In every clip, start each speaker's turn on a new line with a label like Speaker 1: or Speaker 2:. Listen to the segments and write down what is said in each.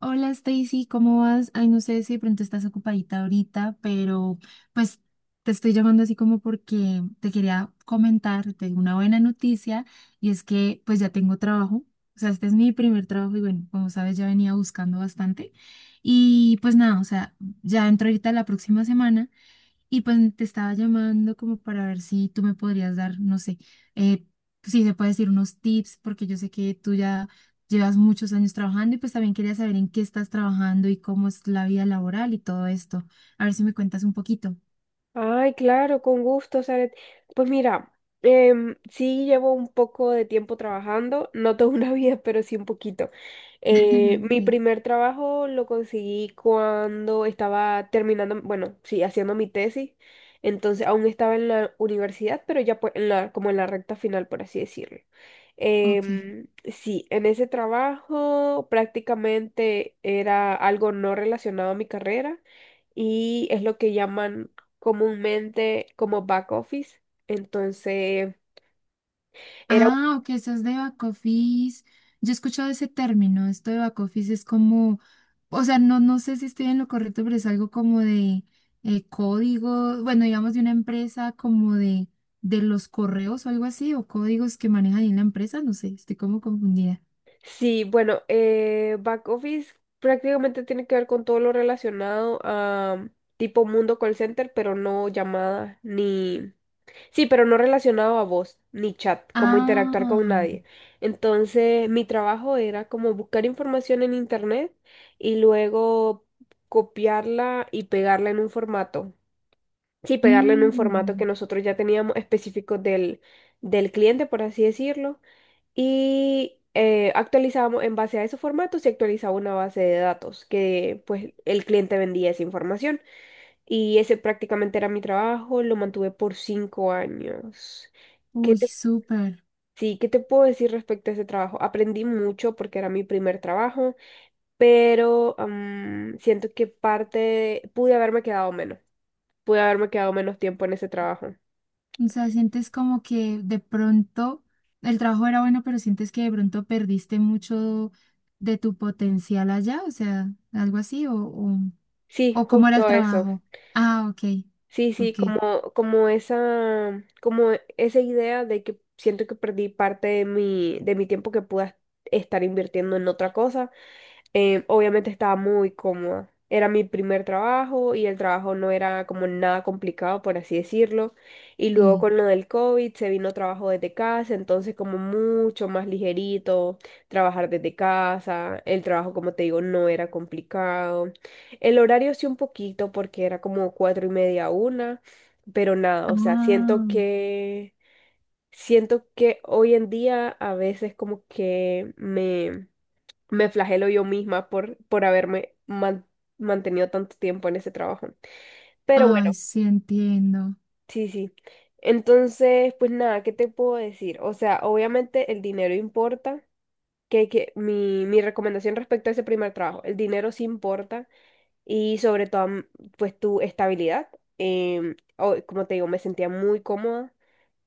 Speaker 1: Hola Stacy, ¿cómo vas? Ay, no sé si de pronto estás ocupadita ahorita, pero pues te estoy llamando así como porque te quería comentar, tengo una buena noticia y es que pues ya tengo trabajo, o sea, este es mi primer trabajo y bueno, como sabes ya venía buscando bastante y pues nada, o sea, ya entro ahorita la próxima semana y pues te estaba llamando como para ver si tú me podrías dar, no sé, eh, si se puede decir unos tips, porque yo sé que tú ya llevas muchos años trabajando y pues también quería saber en qué estás trabajando y cómo es la vida laboral y todo esto. A ver si me cuentas un poquito.
Speaker 2: Ay, claro, con gusto, Saret. Pues mira, sí llevo un poco de tiempo trabajando, no toda una vida, pero sí un poquito. Mi
Speaker 1: Sí.
Speaker 2: primer trabajo lo conseguí cuando estaba terminando, bueno, sí, haciendo mi tesis. Entonces aún estaba en la universidad, pero ya pues, como en la recta final, por así decirlo.
Speaker 1: Ok.
Speaker 2: Sí, en ese trabajo prácticamente era algo no relacionado a mi carrera y es lo que llaman comúnmente como back office. Entonces, era, un-
Speaker 1: Ah, ok, eso es de back office. Yo he escuchado ese término, esto de back office es como, o sea, no sé si estoy en lo correcto, pero es algo como de código, bueno, digamos de una empresa como de los correos o algo así, o códigos que manejan en la empresa, no sé, estoy como confundida.
Speaker 2: sí, bueno, back office prácticamente tiene que ver con todo lo relacionado a tipo mundo call center, pero no llamadas ni, sí, pero no relacionado a voz ni chat, como interactuar
Speaker 1: Ah,
Speaker 2: con nadie. Entonces, mi trabajo era como buscar información en internet y luego copiarla y pegarla en un formato. Sí, pegarlo en un formato que
Speaker 1: mm,
Speaker 2: nosotros ya teníamos específico del cliente, por así decirlo, y actualizábamos en base a esos formatos y actualizaba una base de datos que pues el cliente vendía esa información. Y ese prácticamente era mi trabajo, lo mantuve por cinco años. ¿Qué
Speaker 1: uy,
Speaker 2: te,
Speaker 1: súper.
Speaker 2: sí, ¿qué te puedo decir respecto a ese trabajo? Aprendí mucho porque era mi primer trabajo, pero siento que pude haberme quedado menos, pude haberme quedado menos tiempo en ese trabajo.
Speaker 1: O sea, sientes como que de pronto el trabajo era bueno, pero sientes que de pronto perdiste mucho de tu potencial allá, o sea, algo así,
Speaker 2: Sí,
Speaker 1: o cómo era
Speaker 2: justo
Speaker 1: el
Speaker 2: eso.
Speaker 1: trabajo. Ah, ok,
Speaker 2: Sí, sí,
Speaker 1: ok,
Speaker 2: como esa idea de que siento que perdí parte de mi tiempo que pude estar invirtiendo en otra cosa. Obviamente estaba muy cómoda. Era mi primer trabajo y el trabajo no era como nada complicado, por así decirlo. Y luego
Speaker 1: sí.
Speaker 2: con lo del COVID se vino trabajo desde casa, entonces como mucho más ligerito, trabajar desde casa. El trabajo, como te digo, no era complicado. El horario sí un poquito porque era como cuatro y media a una, pero nada, o sea,
Speaker 1: Ah,
Speaker 2: siento que hoy en día a veces como que me flagelo yo misma por mantenido tanto tiempo en ese trabajo. Pero bueno,
Speaker 1: ay, sí entiendo.
Speaker 2: sí, sí. Entonces, pues nada, ¿qué te puedo decir? O sea, obviamente el dinero importa. Mi recomendación respecto a ese primer trabajo, el dinero sí importa y sobre todo, pues tu estabilidad. Como te digo, me sentía muy cómoda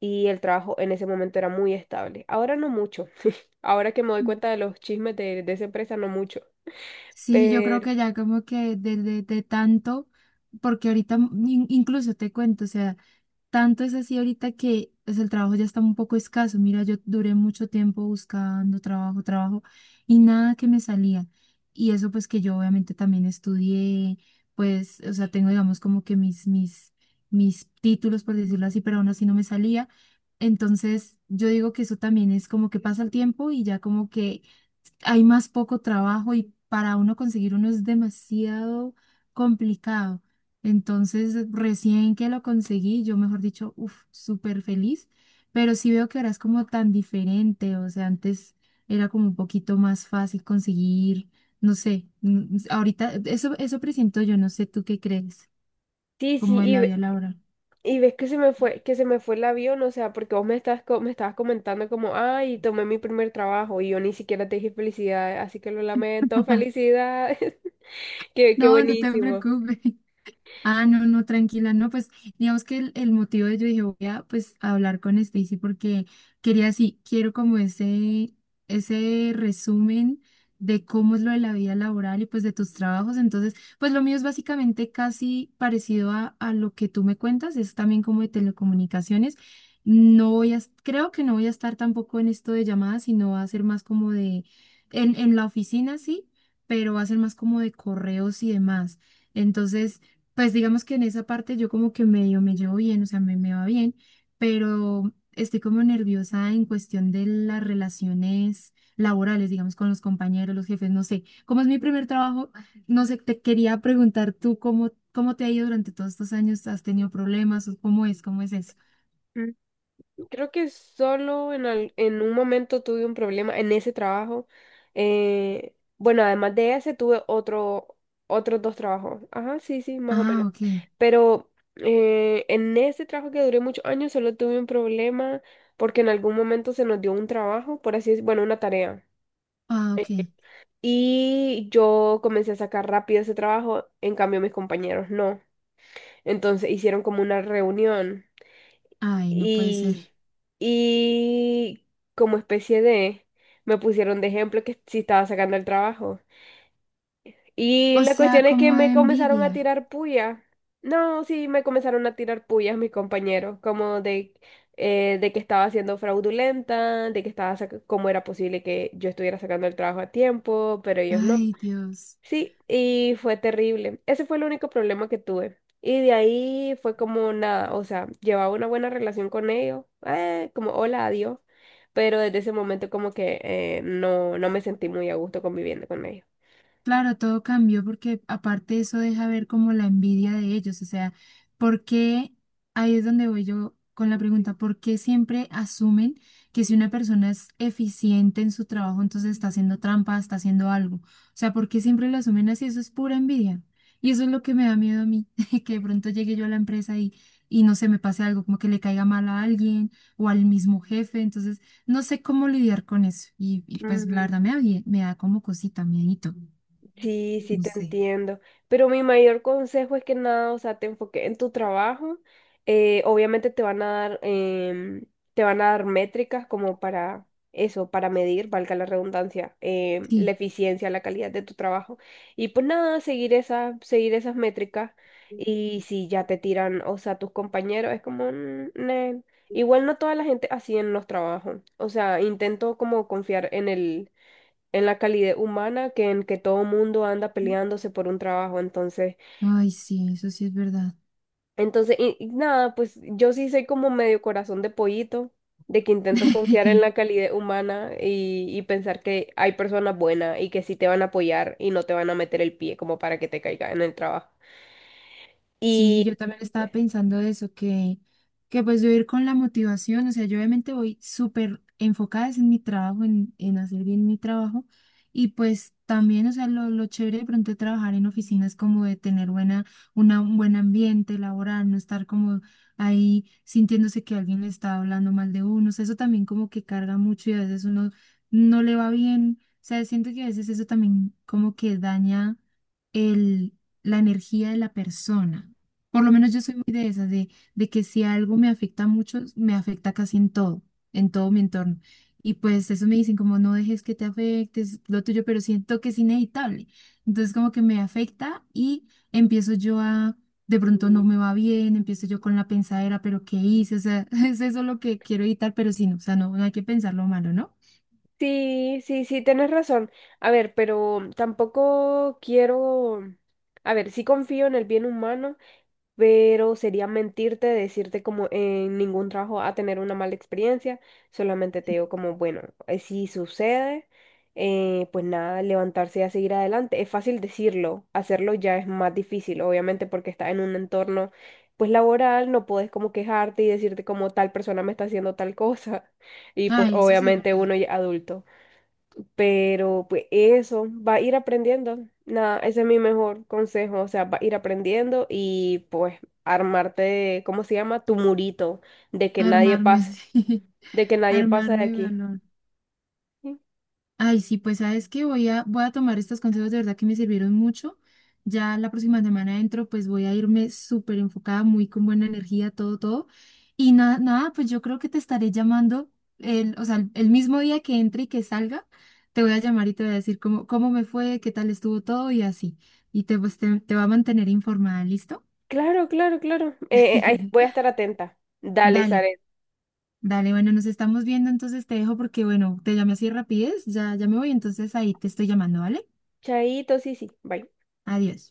Speaker 2: y el trabajo en ese momento era muy estable. Ahora no mucho. Ahora que me doy cuenta de los chismes de esa empresa, no mucho.
Speaker 1: Sí, yo creo
Speaker 2: Pero...
Speaker 1: que ya como que de tanto, porque ahorita incluso te cuento, o sea, tanto es así ahorita que pues, el trabajo ya está un poco escaso. Mira, yo duré mucho tiempo buscando trabajo y nada que me salía. Y eso pues que yo obviamente también estudié, pues, o sea, tengo digamos como que mis títulos, por decirlo así, pero aún así no me salía. Entonces, yo digo que eso también es como que pasa el tiempo y ya como que hay más poco trabajo y para uno conseguir uno es demasiado complicado. Entonces, recién que lo conseguí, yo mejor dicho, uff, súper feliz, pero sí veo que ahora es como tan diferente, o sea, antes era como un poquito más fácil conseguir, no sé, mm, ahorita eso, eso presiento yo, no sé tú qué crees,
Speaker 2: Sí, sí,
Speaker 1: como de la vida laboral.
Speaker 2: y ves que se me fue, que se me fue el avión, o sea, porque vos me estabas comentando como, ay, tomé mi primer trabajo y yo ni siquiera te dije felicidades, así que lo lamento, felicidades, qué
Speaker 1: No, no te
Speaker 2: buenísimo.
Speaker 1: preocupes. Ah, no, no, tranquila, no, pues digamos que el motivo de yo dije voy a pues a hablar con Stacy porque quería sí, quiero como ese resumen de cómo es lo de la vida laboral y pues de tus trabajos. Entonces, pues lo mío es básicamente casi parecido a lo que tú me cuentas, es también como de telecomunicaciones. No voy a, es- creo que no voy a estar tampoco en esto de llamadas, sino va a ser más como de, en la oficina sí, pero va a ser más como de correos y demás. Entonces, pues digamos que en esa parte yo como que medio me llevo bien, o sea, me va bien, pero estoy como nerviosa en cuestión de las relaciones laborales, digamos, con los compañeros, los jefes, no sé. Como es mi primer trabajo, no sé, te quería preguntar tú cómo, cómo te ha ido durante todos estos años, ¿has tenido problemas o cómo es eso?
Speaker 2: Mm, Creo que solo en un momento tuve un problema en ese trabajo. Bueno, además de ese tuve otros dos trabajos. Ajá, sí, sí, más o
Speaker 1: Ah,
Speaker 2: menos.
Speaker 1: ok,
Speaker 2: Pero en ese trabajo que duré muchos años solo tuve un problema porque en algún momento se nos dio un trabajo, por así decirlo, bueno, una tarea.
Speaker 1: ah,
Speaker 2: Eh,
Speaker 1: ok.
Speaker 2: Y yo comencé a sacar rápido ese trabajo, en cambio mis compañeros no. Entonces hicieron como una reunión
Speaker 1: Ay, no puede ser.
Speaker 2: y, y como especie de, me pusieron de ejemplo que si estaba sacando el trabajo. Y
Speaker 1: O
Speaker 2: la
Speaker 1: sea,
Speaker 2: cuestión es que
Speaker 1: como
Speaker 2: me
Speaker 1: de
Speaker 2: comenzaron a
Speaker 1: envidia.
Speaker 2: tirar puya. No, sí, me comenzaron a tirar puyas mis compañeros, como de que estaba siendo fraudulenta, de que cómo era posible que yo estuviera sacando el trabajo a tiempo, pero ellos no.
Speaker 1: Ay, Dios.
Speaker 2: Sí, y fue terrible. Ese fue el único problema que tuve. Y de ahí fue como nada, o sea, llevaba una buena relación con ellos, como hola, adiós, pero desde ese momento como que no, no me sentí muy a gusto conviviendo con ellos.
Speaker 1: Claro, todo cambió porque aparte eso deja ver como la envidia de ellos, o sea, ¿por qué? Ahí es donde voy yo con la pregunta, ¿por qué siempre asumen que si una persona es eficiente en su trabajo, entonces está haciendo trampa, está haciendo algo? O sea, ¿por qué siempre lo asumen así? Eso es pura envidia. Y eso es lo que me da miedo a mí, que de pronto llegue yo a la empresa y no se me pase algo, como que le caiga mal a alguien o al mismo jefe, entonces no sé cómo lidiar con eso. Y pues la verdad me da, me da como cosita, miedito.
Speaker 2: Sí, sí,
Speaker 1: No
Speaker 2: te
Speaker 1: sé.
Speaker 2: entiendo. Pero mi mayor consejo es que nada, o sea, te enfoques en tu trabajo. Obviamente te van a dar, te van a dar métricas como para eso, para medir, valga la redundancia, la
Speaker 1: Sí.
Speaker 2: eficiencia, la calidad de tu trabajo. Y pues nada, seguir esas métricas. Y si ya te tiran, o sea, tus compañeros, es como, "Mm, nel". Igual no toda la gente así en los trabajos. O sea, intento como confiar en el en la calidez humana que en que todo mundo anda peleándose por un trabajo. Entonces,
Speaker 1: Ay, sí, eso sí es verdad.
Speaker 2: y nada, pues yo sí soy como medio corazón de pollito, de que intento confiar en la calidez humana y pensar que hay personas buenas y que sí te van a apoyar y no te van a meter el pie como para que te caiga en el trabajo.
Speaker 1: Sí,
Speaker 2: Y
Speaker 1: yo también estaba pensando eso, que pues yo ir con la motivación, o sea, yo obviamente voy súper enfocada es en mi trabajo, en hacer bien mi trabajo, y pues también, o sea, lo chévere de pronto de trabajar en oficinas como de tener buena, una, un buen ambiente laboral, no estar como ahí sintiéndose que alguien le está hablando mal de uno, o sea, eso también como que carga mucho y a veces uno no le va bien, o sea, siento que a veces eso también como que daña el la energía de la persona. Por lo menos yo soy muy de esas, de que si algo me afecta mucho, me afecta casi en todo mi entorno. Y pues eso me dicen como no dejes que te afecte, es lo tuyo, pero siento que es inevitable. Entonces como que me afecta y empiezo yo a, de pronto no me va bien, empiezo yo con la pensadera, pero ¿qué hice? O sea, es eso lo que quiero evitar, pero sí, no, o sea, no, no hay que pensar lo malo, ¿no?
Speaker 2: sí, sí, sí, tienes razón. A ver, pero tampoco quiero, a ver, sí confío en el bien humano, pero sería mentirte decirte como en ningún trabajo a tener una mala experiencia, solamente te digo como, bueno, si sucede, pues nada, levantarse y a seguir adelante. Es fácil decirlo, hacerlo ya es más difícil, obviamente porque estás en un entorno pues laboral, no puedes como quejarte y decirte como tal persona me está haciendo tal cosa, y pues
Speaker 1: Ay, eso sí es
Speaker 2: obviamente
Speaker 1: verdad.
Speaker 2: uno ya adulto. Pero pues eso, va a ir aprendiendo. Nada, ese es mi mejor consejo. O sea, va a ir aprendiendo y pues armarte, ¿cómo se llama? Tu murito de que nadie
Speaker 1: Armarme,
Speaker 2: pase,
Speaker 1: sí.
Speaker 2: de que nadie pasa de
Speaker 1: Armarme de
Speaker 2: aquí.
Speaker 1: valor.
Speaker 2: Sí.
Speaker 1: Ay, sí, pues sabes que voy a, voy a tomar estos consejos de verdad que me sirvieron mucho. Ya la próxima semana entro, pues voy a irme súper enfocada, muy con buena energía, todo, todo. Y nada, nada, pues yo creo que te estaré llamando, el, o sea, el mismo día que entre y que salga, te voy a llamar y te voy a decir cómo, cómo me fue, qué tal estuvo todo y así. Y te, pues, te va a mantener informada, ¿listo?
Speaker 2: Claro, claro, claro. Ahí voy a estar atenta. Dale,
Speaker 1: Dale,
Speaker 2: Zaret.
Speaker 1: dale, bueno, nos estamos viendo, entonces te dejo porque, bueno, te llamé así rapidez, ya, ya me voy, entonces ahí te estoy llamando, ¿vale?
Speaker 2: Chaito, sí, sí. Bye.
Speaker 1: Adiós.